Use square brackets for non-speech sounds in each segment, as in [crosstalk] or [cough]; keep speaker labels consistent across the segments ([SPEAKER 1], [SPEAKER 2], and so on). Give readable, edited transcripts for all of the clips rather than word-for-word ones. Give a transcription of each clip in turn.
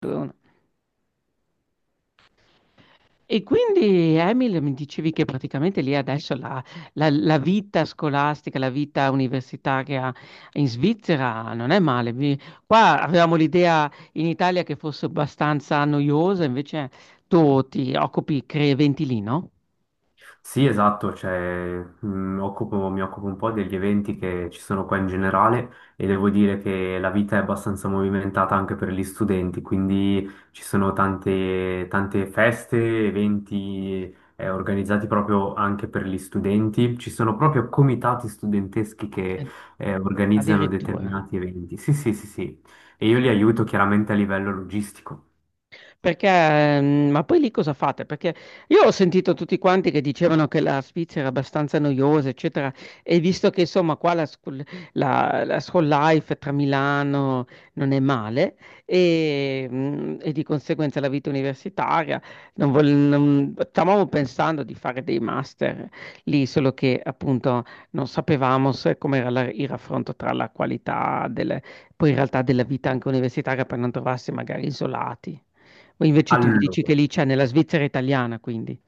[SPEAKER 1] Due, uno. E quindi Emil, mi dicevi che praticamente lì adesso la, la vita scolastica, la vita universitaria in Svizzera non è male. Mi- Qua avevamo l'idea in Italia che fosse abbastanza noiosa, invece tu ti occupi, crei eventi lì, no?
[SPEAKER 2] Sì, esatto, cioè, mi occupo un po' degli eventi che ci sono qua in generale e devo dire che la vita è abbastanza movimentata anche per gli studenti, quindi ci sono tante feste, eventi organizzati proprio anche per gli studenti, ci sono proprio comitati studenteschi che
[SPEAKER 1] Eh,
[SPEAKER 2] organizzano
[SPEAKER 1] addirittura.
[SPEAKER 2] determinati eventi. Sì, sì, sì, sì, e io li aiuto chiaramente a livello logistico.
[SPEAKER 1] Perché, ma poi lì cosa fate? Perché io ho sentito tutti quanti che dicevano che la Svizzera era abbastanza noiosa, eccetera, e visto che insomma qua la school, la school life tra Milano non è male e, e di conseguenza la vita universitaria, non vol- non- stavamo pensando di fare dei master lì, solo che appunto non sapevamo se come era il raffronto tra la qualità delle- poi in realtà della vita anche universitaria per non trovarsi magari isolati. O invece tu mi dici che
[SPEAKER 2] Allora.
[SPEAKER 1] lì cioè nella Svizzera italiana quindi.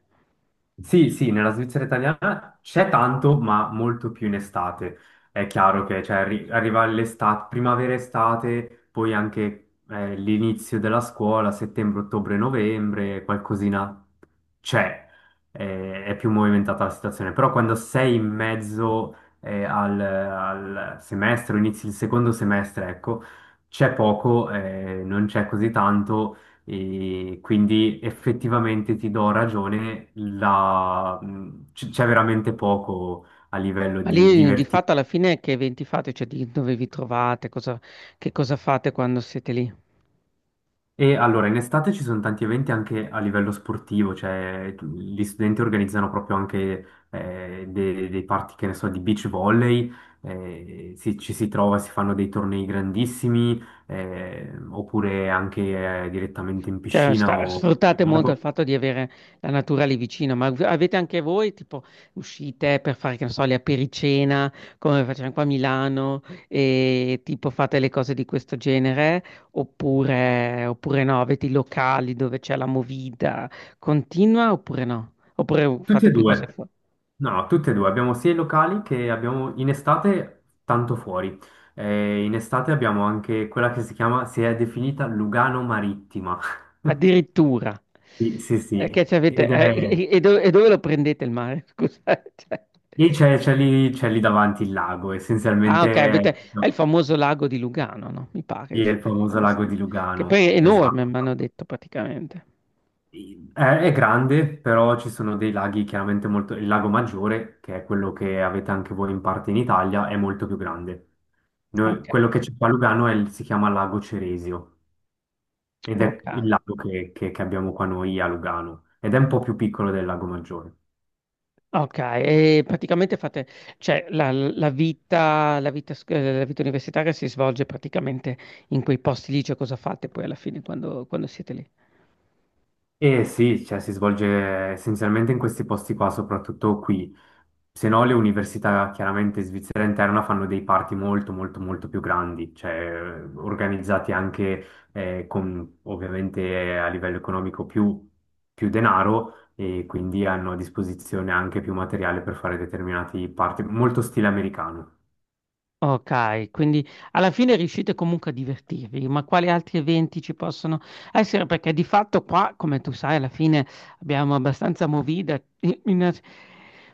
[SPEAKER 2] Sì, sì, nella Svizzera italiana c'è tanto, ma molto più in estate. È chiaro che cioè, arriva l'estate, primavera-estate, poi anche l'inizio della scuola, settembre, ottobre, novembre, qualcosina c'è, è più movimentata la situazione, però quando sei in mezzo al semestre, o inizi il secondo semestre, ecco, c'è poco, non c'è così tanto e quindi effettivamente ti do ragione, c'è veramente poco a livello
[SPEAKER 1] Ma
[SPEAKER 2] di
[SPEAKER 1] lì di
[SPEAKER 2] divertimento.
[SPEAKER 1] fatto alla fine che eventi fate? Cioè di dove vi trovate? Cosa, che cosa fate quando siete lì?
[SPEAKER 2] E allora, in estate ci sono tanti eventi anche a livello sportivo, cioè gli studenti organizzano proprio anche dei party, che ne so, di beach volley, ci si trova, si fanno dei tornei grandissimi, oppure anche direttamente in
[SPEAKER 1] Cioè
[SPEAKER 2] piscina
[SPEAKER 1] sta-
[SPEAKER 2] o nel
[SPEAKER 1] sfruttate molto il
[SPEAKER 2] lago.
[SPEAKER 1] fatto di avere la natura lì vicino, ma av- avete anche voi tipo uscite per fare, che ne so, le apericena, come facciamo qua a Milano, e tipo fate le cose di questo genere, oppure, oppure no, avete i locali dove c'è la movida continua oppure no? Oppure
[SPEAKER 2] Tutti
[SPEAKER 1] fate
[SPEAKER 2] e
[SPEAKER 1] più cose.
[SPEAKER 2] due, no, no, tutti e due, abbiamo sia i locali che abbiamo in estate tanto fuori. In estate abbiamo anche quella che si è definita Lugano Marittima. [laughs]
[SPEAKER 1] Addirittura.
[SPEAKER 2] Sì, sì,
[SPEAKER 1] Che
[SPEAKER 2] sì.
[SPEAKER 1] ci avete,
[SPEAKER 2] Ed è...
[SPEAKER 1] e dove lo prendete il mare? [laughs] Scusate. Cioè,
[SPEAKER 2] E c'è lì davanti il lago,
[SPEAKER 1] ah, ok, avete,
[SPEAKER 2] essenzialmente
[SPEAKER 1] è il
[SPEAKER 2] no,
[SPEAKER 1] famoso lago di Lugano, no? Mi pare.
[SPEAKER 2] sì, è il
[SPEAKER 1] È
[SPEAKER 2] famoso lago
[SPEAKER 1] abbastanza-
[SPEAKER 2] di
[SPEAKER 1] Che
[SPEAKER 2] Lugano,
[SPEAKER 1] poi è enorme,
[SPEAKER 2] esatto.
[SPEAKER 1] mi hanno detto praticamente.
[SPEAKER 2] Sì. È grande, però ci sono dei laghi chiaramente molto... Il lago Maggiore, che è quello che avete anche voi in parte in Italia, è molto più grande.
[SPEAKER 1] Ok,
[SPEAKER 2] Quello che c'è qua a Lugano è si chiama Lago Ceresio ed
[SPEAKER 1] ok.
[SPEAKER 2] è il lago che abbiamo qua noi a Lugano ed è un po' più piccolo del Lago Maggiore.
[SPEAKER 1] Ok, e praticamente fate, cioè la, la vita, sc- la vita universitaria si svolge praticamente in quei posti lì, cioè cosa fate poi alla fine quando quando siete lì?
[SPEAKER 2] Eh sì, cioè si svolge essenzialmente in questi posti qua, soprattutto qui. Se no, le università chiaramente svizzera interna fanno dei party molto, molto, molto più grandi, cioè organizzati anche con ovviamente a livello economico più denaro e quindi hanno a disposizione anche più materiale per fare determinati party, molto stile americano.
[SPEAKER 1] Ok, quindi alla fine riuscite comunque a divertirvi, ma quali altri eventi ci possono essere? Perché di fatto qua, come tu sai, alla fine abbiamo abbastanza movida, [laughs] in- in-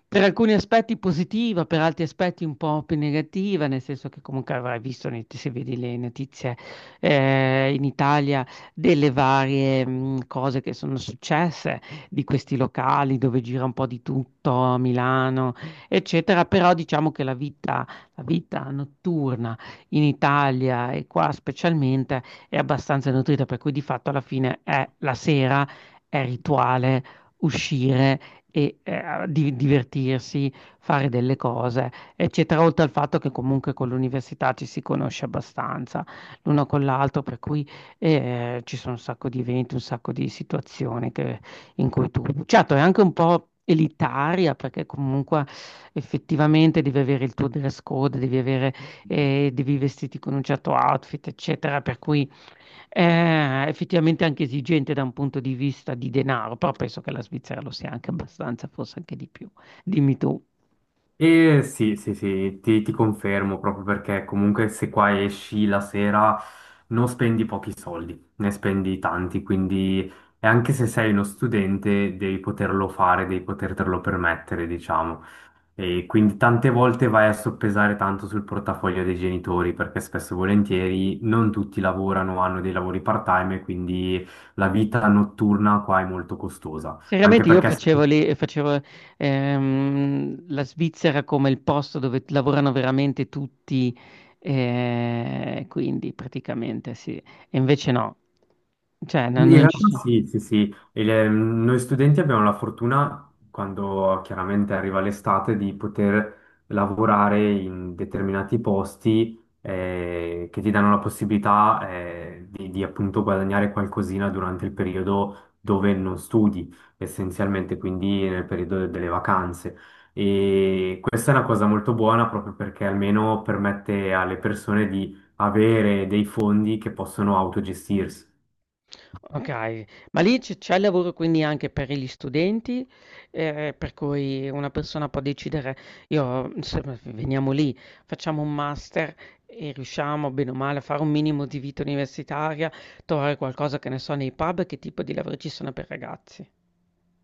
[SPEAKER 1] per alcuni aspetti positiva, per altri aspetti un po' più negativa, nel senso che comunque avrai visto, ne- se vedi le notizie in Italia, delle varie cose che sono successe, di questi locali dove gira un po' di tutto, a Milano, eccetera, però diciamo che la vita notturna in Italia e qua specialmente è abbastanza nutrita, per cui di fatto alla fine è la sera, è rituale, uscire e di- divertirsi, fare delle cose, eccetera, oltre al fatto che comunque con l'università ci si conosce abbastanza l'uno con l'altro, per cui ci sono un sacco di eventi, un sacco di situazioni che in cui tu, certo, è anche un po' elitaria perché comunque effettivamente devi avere il tuo dress code, devi avere, devi vestirti con un certo outfit, eccetera, per cui è effettivamente anche esigente da un punto di vista di denaro, però penso che la Svizzera lo sia anche abbastanza, forse anche di più. Dimmi tu.
[SPEAKER 2] E sì, sì, sì, ti confermo proprio perché comunque se qua esci la sera non spendi pochi soldi, ne spendi tanti, quindi e anche se sei uno studente devi poterlo fare, devi potertelo permettere, diciamo. E quindi tante volte vai a soppesare tanto sul portafoglio dei genitori perché spesso e volentieri non tutti lavorano, hanno dei lavori part-time e quindi la vita notturna qua è molto costosa, anche
[SPEAKER 1] Seriamente io
[SPEAKER 2] perché se
[SPEAKER 1] facevo lì, facevo la Svizzera come il posto dove lavorano veramente tutti, quindi praticamente sì, e invece no, cioè no-
[SPEAKER 2] in
[SPEAKER 1] non ci
[SPEAKER 2] realtà
[SPEAKER 1] sono.
[SPEAKER 2] sì, sì, sì. Noi studenti abbiamo la fortuna, quando chiaramente arriva l'estate, di poter lavorare in determinati posti che ti danno la possibilità di appunto guadagnare qualcosina durante il periodo dove non studi, essenzialmente, quindi nel periodo delle vacanze. E questa è una cosa molto buona proprio perché almeno permette alle persone di avere dei fondi che possono autogestirsi.
[SPEAKER 1] Okay, ma lì c'è lavoro quindi anche per gli studenti, per cui una persona può decidere: "Io, insomma, v veniamo lì, facciamo un master e riusciamo bene o male a fare un minimo di vita universitaria, trovare qualcosa", che ne so, nei pub, che tipo di lavori ci sono per ragazzi?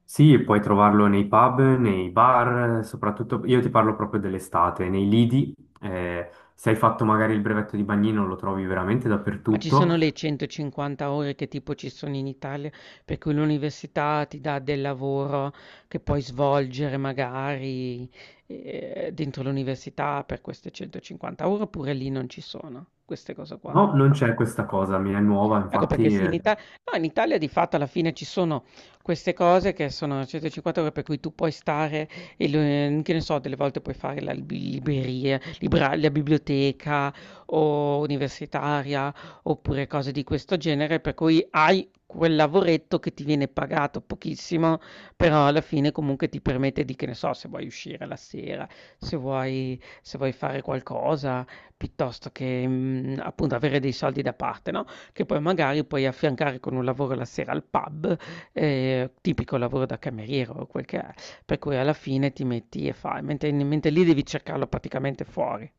[SPEAKER 2] Sì, puoi trovarlo nei pub, nei bar, soprattutto io ti parlo proprio dell'estate, nei lidi, se hai fatto magari il brevetto di bagnino lo trovi veramente
[SPEAKER 1] Ma ci sono
[SPEAKER 2] dappertutto.
[SPEAKER 1] le 150 ore che tipo ci sono in Italia, per cui l'università ti dà del lavoro che puoi svolgere magari, dentro l'università per queste 150 ore, oppure lì non ci sono queste cose qua?
[SPEAKER 2] No, non c'è questa cosa, mi è nuova,
[SPEAKER 1] Ecco perché
[SPEAKER 2] infatti
[SPEAKER 1] sì, in
[SPEAKER 2] eh.
[SPEAKER 1] Ita- no, in Italia di fatto alla fine ci sono queste cose che sono 150 euro per cui tu puoi stare, e lo- che ne so, delle volte puoi fare la lib- libreria, libra- la biblioteca o universitaria oppure cose di questo genere, per cui hai quel lavoretto che ti viene pagato pochissimo, però alla fine comunque ti permette di, che ne so, se vuoi uscire la sera, se vuoi, se vuoi fare qualcosa, piuttosto che appunto avere dei soldi da parte, no? Che poi magari puoi affiancare con un lavoro la sera al pub, tipico lavoro da cameriere o quel che è, per cui alla fine ti metti e fai, mentre mentre lì devi cercarlo praticamente fuori.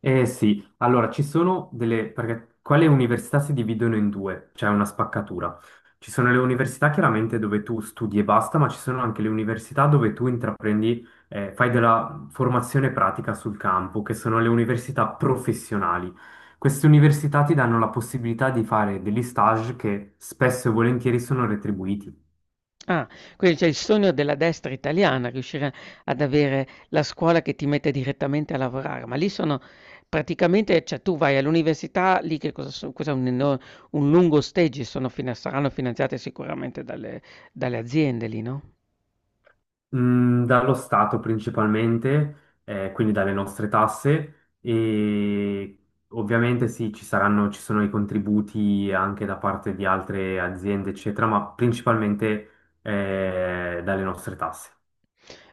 [SPEAKER 2] Eh sì, allora ci sono delle, perché qua le università si dividono in due, c'è una spaccatura. Ci sono le università chiaramente dove tu studi e basta, ma ci sono anche le università dove tu intraprendi, fai della formazione pratica sul campo, che sono le università professionali. Queste università ti danno la possibilità di fare degli stage che spesso e volentieri sono retribuiti.
[SPEAKER 1] Ah, quindi c'è il sogno della destra italiana, riuscire ad avere la scuola che ti mette direttamente a lavorare, ma lì sono praticamente cioè tu vai all'università, lì che cosa so cos'è un eno un lungo stage, sono fina saranno finanziate sicuramente dalle dalle aziende lì, no?
[SPEAKER 2] Mm, dallo Stato principalmente, quindi dalle nostre tasse e ovviamente sì, ci sono i contributi anche da parte di altre aziende, eccetera, ma principalmente dalle nostre tasse.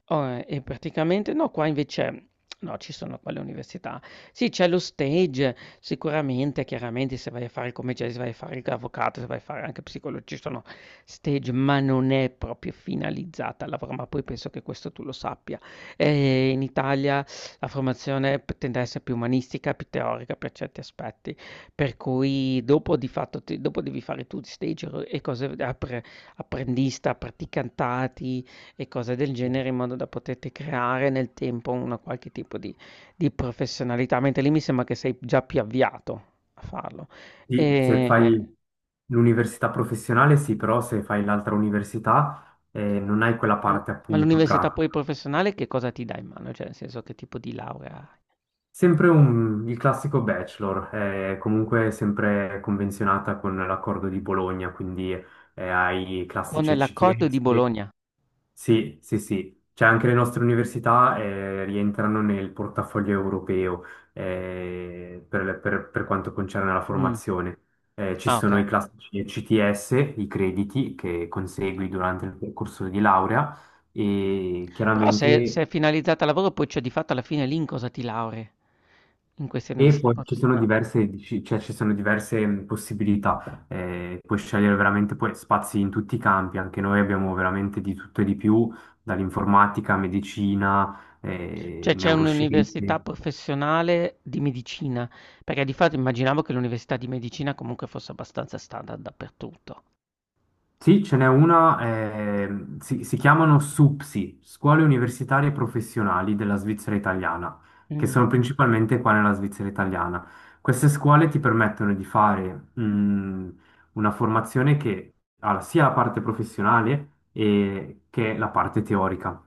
[SPEAKER 1] E praticamente no, qua invece no, ci sono qua le università. Sì, c'è lo stage, sicuramente, chiaramente se vai a fare il commerciale, se vai a fare l'avvocato, se vai a fare anche psicologo, ci sono stage, ma non è proprio finalizzata al lavoro, ma poi penso che questo tu lo sappia. In Italia la formazione p tende a essere più umanistica, più teorica per certi aspetti, per cui dopo di fatto ti dopo devi fare tu stage e cose appre apprendista, praticantati, e cose del genere in modo da poterti creare nel tempo una qualche tipo di professionalità, mentre lì mi sembra che sei già più avviato a farlo.
[SPEAKER 2] Sì, se
[SPEAKER 1] E,
[SPEAKER 2] fai l'università professionale, sì, però se fai l'altra università non hai quella
[SPEAKER 1] ma
[SPEAKER 2] parte
[SPEAKER 1] ma
[SPEAKER 2] appunto
[SPEAKER 1] l'università
[SPEAKER 2] pratica.
[SPEAKER 1] poi professionale che cosa ti dà in mano? Cioè, nel senso che tipo di laurea hai?
[SPEAKER 2] Sempre il classico bachelor, è comunque sempre convenzionata con l'accordo di Bologna, quindi hai i
[SPEAKER 1] Con
[SPEAKER 2] classici
[SPEAKER 1] l'accordo di
[SPEAKER 2] ECTS.
[SPEAKER 1] Bologna.
[SPEAKER 2] Sì, sì, sì. Cioè anche le nostre università rientrano nel portafoglio europeo per quanto concerne la
[SPEAKER 1] Mm.
[SPEAKER 2] formazione. Ci
[SPEAKER 1] Ah,
[SPEAKER 2] sono i
[SPEAKER 1] ok.
[SPEAKER 2] classici ECTS, i crediti che consegui durante il percorso di laurea e
[SPEAKER 1] Però se, se
[SPEAKER 2] chiaramente...
[SPEAKER 1] è finalizzata al lavoro, poi cioè di fatto alla fine lì in cosa ti laurei? In queste
[SPEAKER 2] E
[SPEAKER 1] università
[SPEAKER 2] poi ci sono
[SPEAKER 1] professionali.
[SPEAKER 2] diverse, cioè ci sono diverse possibilità, puoi scegliere veramente poi spazi in tutti i campi, anche noi abbiamo veramente di tutto e di più, dall'informatica, medicina,
[SPEAKER 1] Cioè c'è un'università
[SPEAKER 2] neuroscienze.
[SPEAKER 1] professionale di medicina, perché di fatto immaginavo che l'università di medicina comunque fosse abbastanza standard dappertutto.
[SPEAKER 2] Sì, ce n'è una, si chiamano SUPSI, Scuole Universitarie Professionali della Svizzera Italiana, che
[SPEAKER 1] Mm.
[SPEAKER 2] sono principalmente qua nella Svizzera Italiana. Queste scuole ti permettono di fare, una formazione che ha sia la parte professionale che la parte teorica.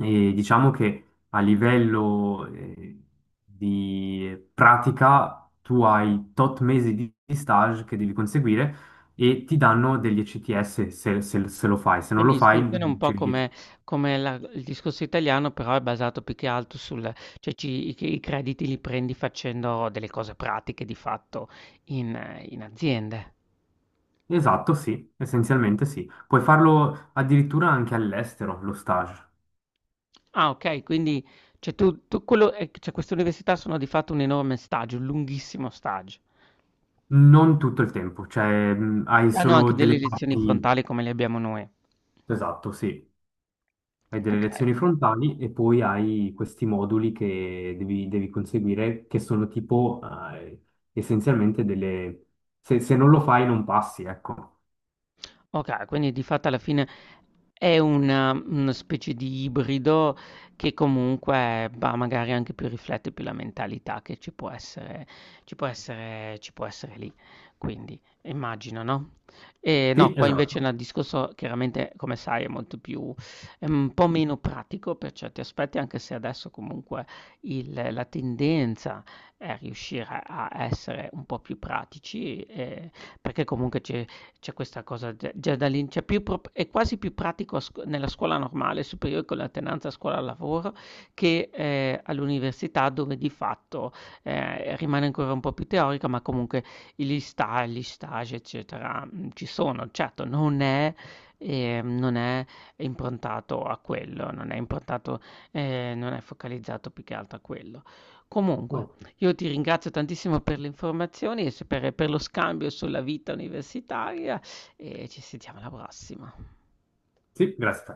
[SPEAKER 2] E diciamo che a livello, di pratica tu hai tot mesi di stage che devi conseguire e ti danno degli ECTS se lo fai, se non lo
[SPEAKER 1] Quindi
[SPEAKER 2] fai non
[SPEAKER 1] funziona un po'
[SPEAKER 2] ricevi 10.
[SPEAKER 1] come, come il discorso italiano, però è basato più che altro sul, cioè ci- i crediti li prendi facendo delle cose pratiche di fatto in, in aziende.
[SPEAKER 2] Esatto, sì, essenzialmente sì. Puoi farlo addirittura anche all'estero, lo stage.
[SPEAKER 1] Ah, ok, quindi cioè, tu, tu quello, cioè, queste università sono di fatto un enorme stage, un lunghissimo stage.
[SPEAKER 2] Non tutto il tempo, cioè hai
[SPEAKER 1] Hanno anche
[SPEAKER 2] solo
[SPEAKER 1] delle
[SPEAKER 2] delle
[SPEAKER 1] lezioni
[SPEAKER 2] parti,
[SPEAKER 1] frontali come le abbiamo noi.
[SPEAKER 2] esatto, sì. Hai delle
[SPEAKER 1] Okay,
[SPEAKER 2] lezioni frontali e poi hai questi moduli che devi conseguire, che sono tipo eh, essenzialmente delle... Se, se non lo fai non passi, ecco.
[SPEAKER 1] okay, quindi di fatto alla fine è una specie di ibrido che comunque, bah, magari anche più riflette più la mentalità che ci può essere ci può essere lì. Quindi immagino, no? No,
[SPEAKER 2] Sì,
[SPEAKER 1] qua invece
[SPEAKER 2] esatto.
[SPEAKER 1] nel discorso chiaramente come sai è molto più è un po' meno pratico per certi aspetti, anche se adesso comunque il la tendenza è riuscire a essere un po' più pratici, perché comunque ci c'è questa cosa già, già da lì, c'è più pro- è quasi più pratico a scu- nella scuola normale, superiore con l'alternanza scuola-lavoro, che all'università dove di fatto rimane ancora un po' più teorica, ma comunque gli sta, gli stage, eccetera, ci sono. Certo, non è, non è improntato a quello, non è improntato, non è focalizzato più che altro a quello. Comunque.
[SPEAKER 2] Oh,
[SPEAKER 1] Io ti ringrazio tantissimo per le informazioni e s per lo scambio sulla vita universitaria e ci sentiamo alla prossima.
[SPEAKER 2] sì, grazie.